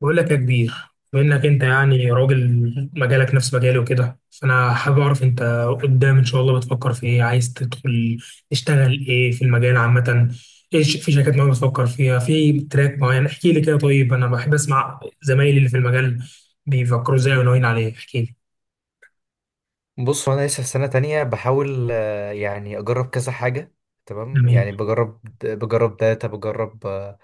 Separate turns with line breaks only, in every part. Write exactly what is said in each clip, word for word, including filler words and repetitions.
بقول لك يا كبير، بما انك انت يعني راجل مجالك نفس مجالي وكده، فانا حابب اعرف انت قدام ان شاء الله بتفكر في ايه. عايز تدخل تشتغل ايه في المجال عامة؟ ايش في شركات معينة بتفكر فيها؟ في تراك معين؟ احكي لي كده. طيب انا بحب اسمع زمايلي اللي في المجال بيفكروا ازاي وناويين عليه. احكي لي.
بص وانا لسه في سنة تانية بحاول آه، يعني اجرب كذا حاجة. تمام،
جميل.
يعني بجرب بجرب داتا بجرب آه،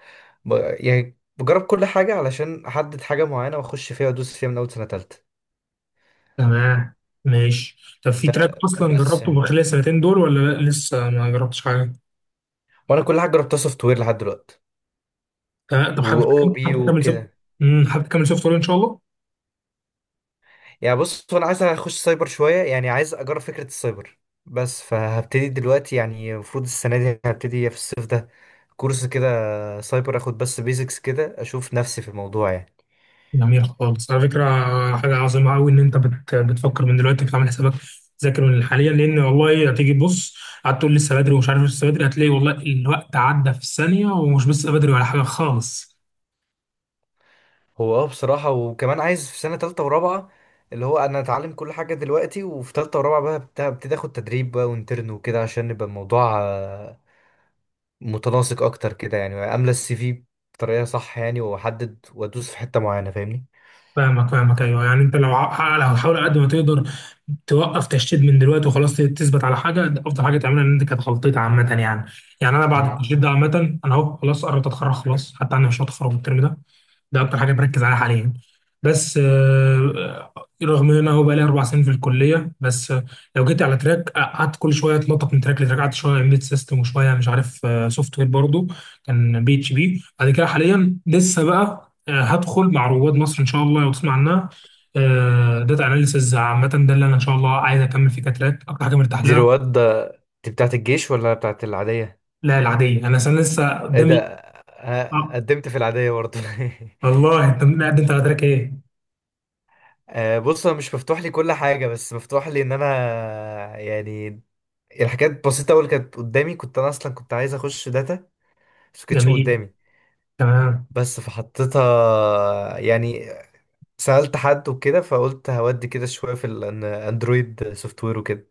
ب... يعني بجرب كل حاجة علشان احدد حاجة معينة واخش فيها وادوس فيها من اول سنة تالتة.
تمام. ماشي. طب في تراك
ب...
اصلا
بس
جربته
يعني.
من خلال السنتين دول ولا لا لسه ما جربتش حاجة؟
وانا كل حاجة جربتها سوفت وير لحد دلوقتي،
تمام. طب حابب
واو بي
حابب تكمل
وكده.
سوفت امم حابب تكمل سوفت وير ان شاء الله.
يعني بص، وانا عايز اخش سايبر شوية، يعني عايز اجرب فكرة السايبر، بس فهبتدي دلوقتي. يعني المفروض السنة دي هبتدي في الصيف ده كورس كده سايبر اخد، بس بيزكس كده اشوف نفسي في الموضوع يعني.
جميل خالص، على فكرة. حاجة عظيمة أوي إن أنت بت... بتفكر من دلوقتي، بتعمل حسابك، تذاكر من حاليا، لأن والله هتيجي تبص قعدت تقول لسه بدري ومش عارف، لسه بدري، هتلاقي والله الوقت عدى في الثانية ومش لسه بدري ولا حاجة خالص.
هو اه بصراحة، وكمان عايز في سنة تالتة ورابعة اللي هو أنا أتعلم كل حاجة دلوقتي، وفي تالتة ورابعة بقى بت- ابتدي آخد تدريب بقى وانترن وكده، عشان يبقى الموضوع آه، متناسق أكتر كده. يعني أملى السي في بطريقة صح، يعني وأحدد وأدوس في حتة معينة، فاهمني.
فاهمك فاهمك ايوه، يعني انت لو ع- لو هتحاول على قد ما تقدر توقف تشتيت من دلوقتي وخلاص، تثبت على حاجه، ده افضل حاجه تعملها، ان انت كانت غلطتي عامه يعني. يعني انا بعد
مم.
التشتيت ده عامه انا اهو خلاص قربت اتخرج، خلاص حتى انا مش هتخرج الترم ده. ده اكتر حاجه بركز عليها حاليا. بس آه، رغم ان انا هو بقالي اربع سنين في الكليه. بس آه، لو جيت على تراك، آه، قعدت كل شويه اتنطط من تراك لتراك، قعدت شويه امبيد سيستم وشويه مش عارف، سوفت وير برضه، كان بي اتش بي. بعد كده حاليا لسه بقى آه، هدخل مع رواد مصر ان شاء الله، لو تسمع عنها، داتا اناليسز عامه. ده اللي انا ان شاء الله عايز اكمل فيه كتراك، اكتر حاجه مرتاح
دي
لها.
رواد ده- دي بتاعت الجيش ولا بتاعت العادية؟
لا، العاديه. انا أصلاً لسه
إيه ده،
قدامي.
آه،
آه.
قدمت في العادية برضه
والله انت مقدم على تراك ايه؟
آه، بص، أنا مش مفتوح لي كل حاجة، بس مفتوح لي إن أنا يعني الحاجات بسيطة أوي اللي كانت قدامي. كنت أنا أصلا كنت عايز أخش داتا، بس مكانتش
جميل.
قدامي.
تمام.
بس فحطيتها يعني، سألت حد وكده فقلت هودي كده شوية في الأندرويد سوفت وير وكده.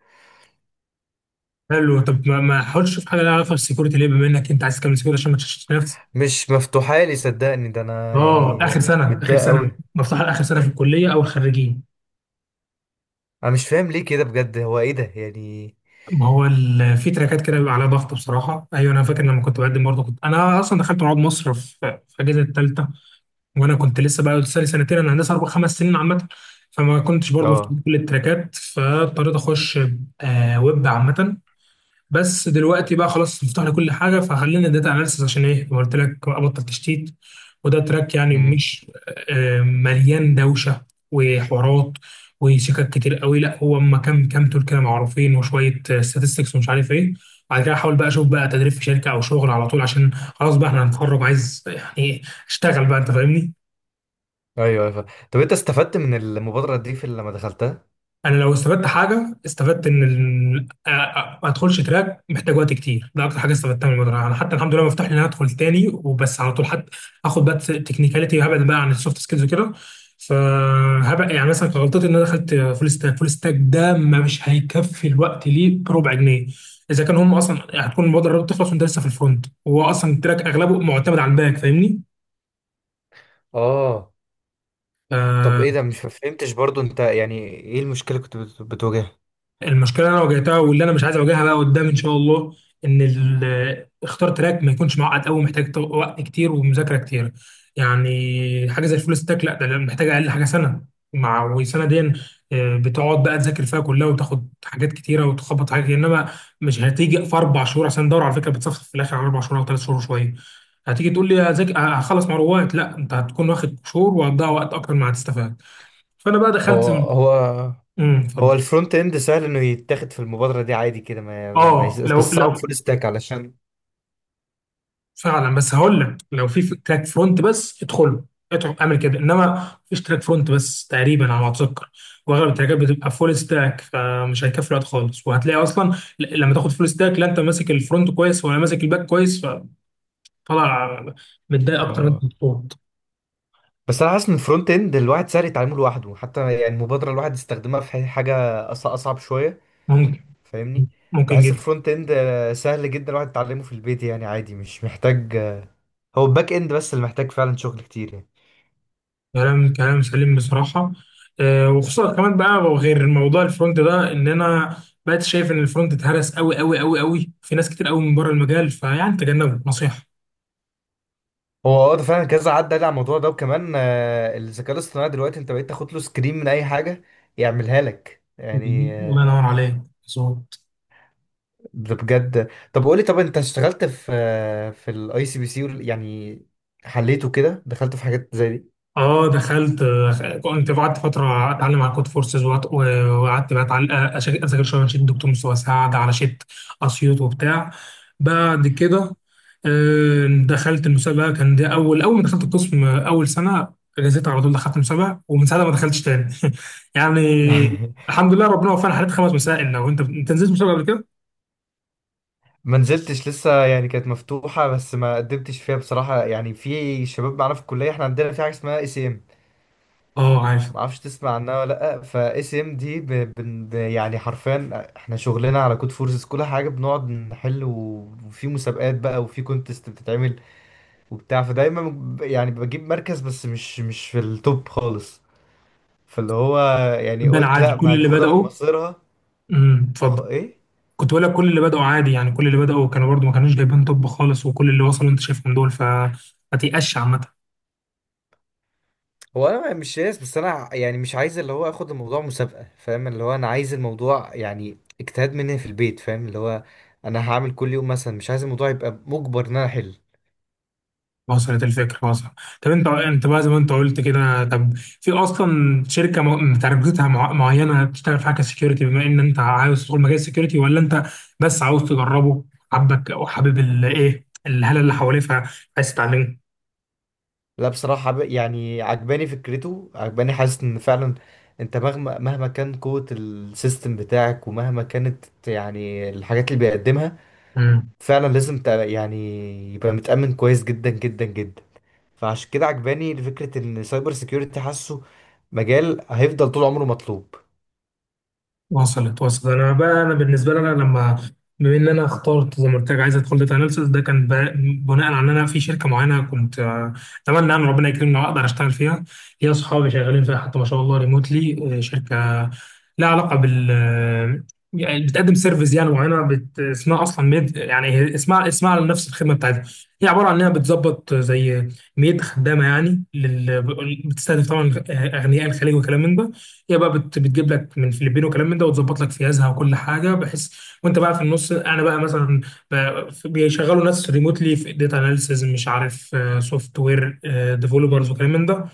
حلو. طب ما ما حاولتش تشوف حاجه لها علاقه بالسكيورتي ليه، بما انك انت عايز تكمل سكيورتي، عشان ما تشتتش نفسك؟
مش مفتوحة لي صدقني، ده أنا
اه، اخر
يعني
سنه. اخر
متضايق
سنه
أوي.
مفتوحه، لاخر سنه في الكليه او الخريجين.
أنا مش فاهم ليه كده بجد، هو إيه ده يعني.
ما هو ال- في تراكات كده بيبقى عليها ضغط بصراحه، ايوه انا فاكر لما كنت بقدم برضه، كنت انا اصلا دخلت رواد مصر في في اجازه الثالثه. وانا كنت لسه بقى لسه لي سنتين، انا هندسه اربع خمس سنين عامه، فما كنتش برضو
اه.
مفتوح كل التراكات، فاضطريت اخش آه ويب عامه. بس دلوقتي بقى خلاص مفتوح لي كل حاجه، فخلينا داتا اناليسيس. عشان ايه؟ زي ما قلت لك، ابطل تشتيت. وده تراك يعني
امم.
مش آه مليان دوشه وحوارات وشكك كتير قوي، لا، هو اما كام كام تول كده معروفين وشويه statistics ومش عارف ايه. بعد كده احاول بقى اشوف بقى تدريب في شركه او شغل على طول، عشان خلاص بقى احنا هنتخرج، عايز يعني إيه، اشتغل بقى، انت فاهمني.
أيوه أيوه، فا- طب أنت استفدت من المبادرة دي في لما دخلتها؟
انا لو استفدت حاجه، استفدت ان ال... آ- آ- ما ادخلش تراك محتاج وقت كتير. ده اكتر حاجه استفدتها من المدرسه. انا حتى الحمد لله مفتوح لي ان انا ادخل تاني، وبس على طول حد اخد بقى تكنيكاليتي، وهبعد بقى عن السوفت سكيلز وكده. فهبقى يعني مثلا كان غلطتي ان انا دخلت فول ستاك. فول ستاك ده مش هيكفي الوقت ليه بربع جنيه، اذا كان هم اصلا هتكون المبادره بتخلص وانت لسه في الفرونت، وهو اصلا التراك اغلبه معتمد على الباك، فاهمني.
آه. طب
آه،
إيه ده، مش فهمتش برضو أنت. يعني إيه المشكلة كنت بت- بتواجهها؟
المشكله اللي انا واجهتها، واللي انا مش عايز اواجهها بقى قدام ان شاء الله، ان ال- اختار تراك ما يكونش معقد قوي، محتاج تو- وقت كتير ومذاكره كتير. يعني حاجه زي الفول ستاك، لا ده محتاج اقل حاجه سنه، مع وسنه دي آه، بتقعد بقى تذاكر فيها كلها وتاخد حاجات كتيره وتخبط حاجات كتير. انما مش هتيجي في اربع شهور، عشان الدوره على فكره بتصفصف في الاخر على اربع شهور او ثلاث شهور شويه. هتيجي تقول لي، هذاك- هخلص مروات؟ لا، انت هتكون واخد شهور وهتضيع وقت اكتر ما هتستفاد. فانا بقى
هو
دخلت.
هو
امم
هو
اتفضل.
الفرونت اند سهل انه يتاخد في المبادره دي عادي كده، ما... ما... يس-
اه، لو
بس صعب
لو
فول ستاك علشان.
فعلا، بس هقول لك لو في تراك فرونت بس ادخله، ادخل اعمل كده. انما مفيش تراك فرونت بس تقريبا على ما اتذكر، واغلب التراكات بتبقى فول ستاك، فمش هيكفي الوقت خالص. وهتلاقي اصلا ل- لما تاخد فول ستاك، لا انت ماسك الفرونت كويس ولا ماسك الباك كويس، فطلع متضايق اكتر من
اه
انت مبسوط.
بس انا حاسس ان الفرونت اند الواحد سهل يتعلمه لوحده، حتى يعني المبادره الواحد يستخدمها في حاجه أص- اصعب شويه،
ممكن.
فاهمني.
ممكن
بحس
جدا.
الفرونت اند آه، سهل جدا الواحد يتعلمه في البيت، يعني عادي مش محتاج آه، هو الباك اند بس اللي محتاج فعلا شغل كتير يعني.
كلام كلام سليم بصراحه. آه، وخصوصا كمان بقى، غير موضوع الفرونت ده، ان انا بقيت شايف ان الفرونت اتهرس قوي قوي قوي قوي في ناس كتير قوي من بره المجال، فيعني تجنبه نصيحه.
هو اه ده فعلا كذا عدى على الموضوع ده، وكمان آه، الذكاء الاصطناعي دلوقتي انت بقيت تاخد له سكرين من اي حاجه يعملها لك يعني.
الله ينور عليك، مظبوط.
ده بجد. طب قولي، طب انت اشتغلت في في الاي سي بي سي يعني، حليته كده، دخلت في حاجات زي دي؟
اه دخلت. آه، كنت قعدت فتره اتعلم على كود فورسز، وقعدت وقعدت بقى أتعل- آه، أشا- اذاكر شويه من شيت دكتور مصطفى سعد، على شيت اسيوط وبتاع. بعد كده آه، دخلت المسابقه، كان ده اول. اول ما دخلت القسم آه، اول سنه، جازيت على طول دخلت مسابقه، ومن ساعتها ما دخلتش تاني يعني الحمد لله ربنا وفقنا، حليت خمس مسائل. لو انت انت نزلت مسابقه قبل كده.
ما نزلتش لسه يعني، كانت مفتوحة بس ما قدمتش فيها بصراحة. يعني في شباب معانا في الكلية، احنا عندنا في حاجة اسمها اي سي ام،
اه عارف.
ما اعرفش تسمع عنها ولا لا. فاي سي ام دي ب... بن- ب... يعني حرفيا احنا شغلنا على كود فورسز كل حاجة، بنقعد نحل، و- وفي مسابقات بقى وفي كونتست بتتعمل وبتاع. فدايما ب- يعني بجيب مركز بس مش مش في التوب خالص. فاللي هو يعني
ده
قلت
عادي،
لا،
كل
ما
اللي
اخدها من
بداوا.
مصيرها.
امم
اخو
اتفضل.
ايه.
كنت بقول لك، كل اللي بدأوا عادي يعني، كل اللي بدأوا كانوا برضو ما كانوش جايبين طب خالص، وكل اللي وصلوا انت شايفهم دول، فما تيأسش عامة.
هو انا مش ياس، بس انا ع- يعني مش عايز اللي هو اخد الموضوع مسابقه، فاهم اللي هو انا عايز الموضوع يعني اجتهاد مني في البيت، فاهم اللي هو انا هعمل كل يوم مثلا، مش عايز الموضوع يبقى مجبر ان انا احل.
وصلت الفكرة، وصلت. طب انت انت بقى زي ما انت قلت كده، طب في اصلا شركة م- تارجتها مع- معينة بتشتغل في حاجة سكيورتي، بما ان انت عاوز تدخل مجال السكيورتي، ولا انت بس عاوز تجربه؟ حبك او حابب الايه، الهالة اللي حواليه، فعايز تتعلمه؟
لا بصراحة حب- يعني عجباني فكرته، عجباني، حاسس ان فعلا انت مهما مهما كان قوة السيستم بتاعك ومهما كانت يعني الحاجات اللي بيقدمها، فعلا لازم تبقى- يعني يبقى متأمن كويس جدا جدا جدا. فعشان كده عجباني فكرة ان سايبر سيكيورتي، حاسه مجال هيفضل طول عمره مطلوب.
وصلت، وصلت. انا بقى، انا بالنسبه لي، انا لما بما ان انا اخترت زي ما قلت لك عايز ادخل داتا اناليسيس، ده كان بقى- بناء على ان انا في شركه معينه، كنت آه، اتمنى ان ربنا يكرمني واقدر اشتغل فيها. هي اصحابي شغالين فيها حتى ما شاء الله، ريموتلي. شركه لها علاقه بال يعني بتقدم سيرفيس يعني معينه، بت... اسمها اصلا ميد، يعني هي اسمها اسمها على نفس الخدمه بتاعتها. هي عباره عن انها بتظبط زي ميد خدامه يعني لل... بتستهدف طبعا اغنياء الخليج وكلام من ده. هي بقى بت... بتجيب لك من الفلبين وكلام من ده، وتظبط لك فيازها وكل حاجه، بحيث وانت بقى في النص. انا بقى مثلا، ب- بيشغلوا ناس ريموتلي في داتا اناليسز، مش عارف، سوفت وير ديفلوبرز وكلام من ده.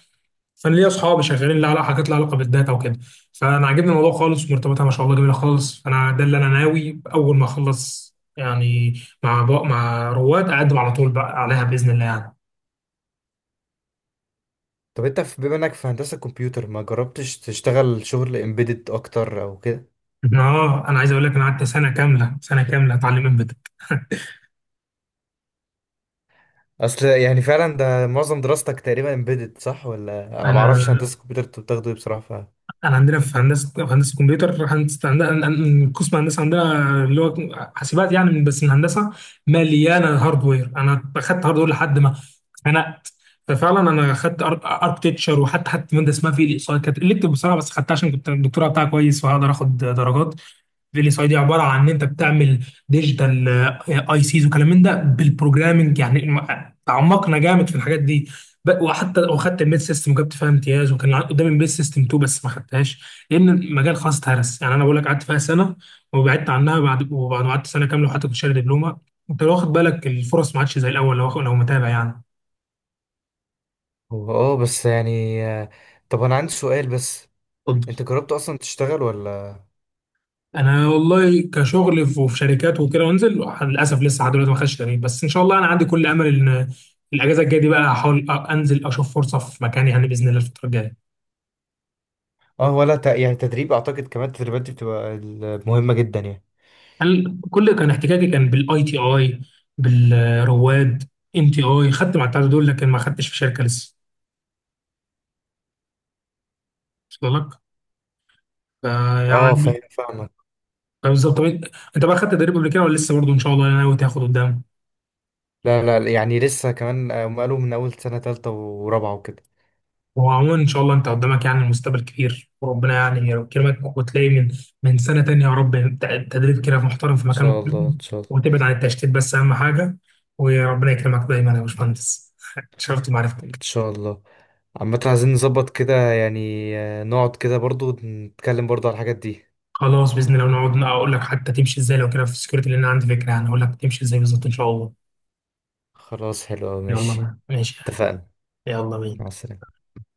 فانا ليا اصحابي شغالين لها على حاجات لها علاقه بالداتا وكده، فانا عاجبني الموضوع خالص، ومرتباتها ما شاء الله جميله خالص، فانا ده اللي انا ناوي اول ما اخلص يعني، مع بق مع رواد، اقدم على طول بقى عليها باذن الله يعني.
طب انت في- بما انك في هندسة كمبيوتر، ما جربتش تشتغل شغل امبيدد اكتر او كده؟
اه انا عايز اقول لك، انا قعدت سنه كامله، سنه كامله اتعلم امبيدد.
اصل يعني فعلا ده معظم دراستك تقريبا امبيدد صح؟ ولا انا ما اعرفش
انا
هندسة كمبيوتر انتوا بتاخدوا ايه بصراحة. ف
انا عندنا في هندسه في هندسه كمبيوتر، هندسه عندنا قسم هندسه عندنا اللي هو حاسبات يعني، من- بس من هندسه مليانه هاردوير. انا اخدت هاردوير لحد ما اتخنقت. ففعلا انا اخدت اركتكتشر، وحتى حتى ماده اسمها في الاقصاء كانت، قلت بصراحه بس خدتها عشان كنت الدكتوره بتاعها كويس وهقدر اخد درجات. فيلي ساي دي عباره عن ان انت بتعمل ديجيتال اي سيز وكلام من ده بالبروجرامنج يعني، م- تعمقنا جامد في الحاجات دي. ب- وحتى وخدت الميد سيستم وجبت فيها امتياز، وكان عن- قدامي الميد سيستم اتنين بس ما خدتهاش لان المجال خلاص اتهرس. يعني انا بقول لك قعدت فيها سنه وبعدت عنها، بعد وبعد ما قعدت سنه كامله، وحتى كنت شاري دبلومه. انت لو واخد بالك، الفرص ما عادش زي الاول، لو لو متابع يعني.
هو اه بس يعني آه، طب انا عندي سؤال بس، انت
اتفضل.
جربت اصلا تشتغل ولا؟
انا والله كشغل في وفي شركات وكده وانزل، للاسف لسه لحد دلوقتي ما خدتش تدريب، بس ان شاء الله انا عندي كل امل ان الاجازه الجايه دي بقى، هحاول أ- انزل اشوف فرصه في مكاني، يعني باذن الله الفتره الجايه.
اه. ولا ت... يعني تدريب اعتقد كمان التدريبات دي بتبقى ال- مهمة جدا يعني.
انا كل كان احتكاكي كان بالاي تي اي، بالرواد. ان تي اي خدت مع الثلاثه دول، لكن ما خدتش في شركه لسه. وصل لك؟
اه
فيعني
فاهم فاهمك.
بالظبط. طب انت بقى خدت تدريب قبل كده ولا لسه؟ برضه ان شاء الله انا ناوي تاخد قدام.
لا لا لا، يعني لسه كمان آه، هم قالوا من أول سنة تالتة ورابعة وكده.
هو عموما ان شاء الله انت قدامك يعني المستقبل كبير، وربنا يعني يكرمك، وتلاقي من من سنه تانية يا رب ت- تدريب كده محترم في
ان
مكان
شاء الله
محترم.
ان شاء الله.
وتبعد عن التشتيت، بس اهم حاجه. وربنا يكرمك دايما يا باشمهندس اتشرفت
إن
بمعرفتك.
شاء الله. عامة عايزين نظبط كده يعني، آه، نقعد كده برضو نتكلم برضو على الحاجات دي.
خلاص باذن الله، ونقعد نق- اقول لك حتى تمشي ازاي لو كده في السكيورتي، لان انا عندي فكره يعني اقول لك تمشي ازاي بالظبط ان شاء الله.
خلاص حلو أوي،
يلا
ماشي.
بقى. ماشي.
اتفقنا.
يلا بينا.
مع السلامة.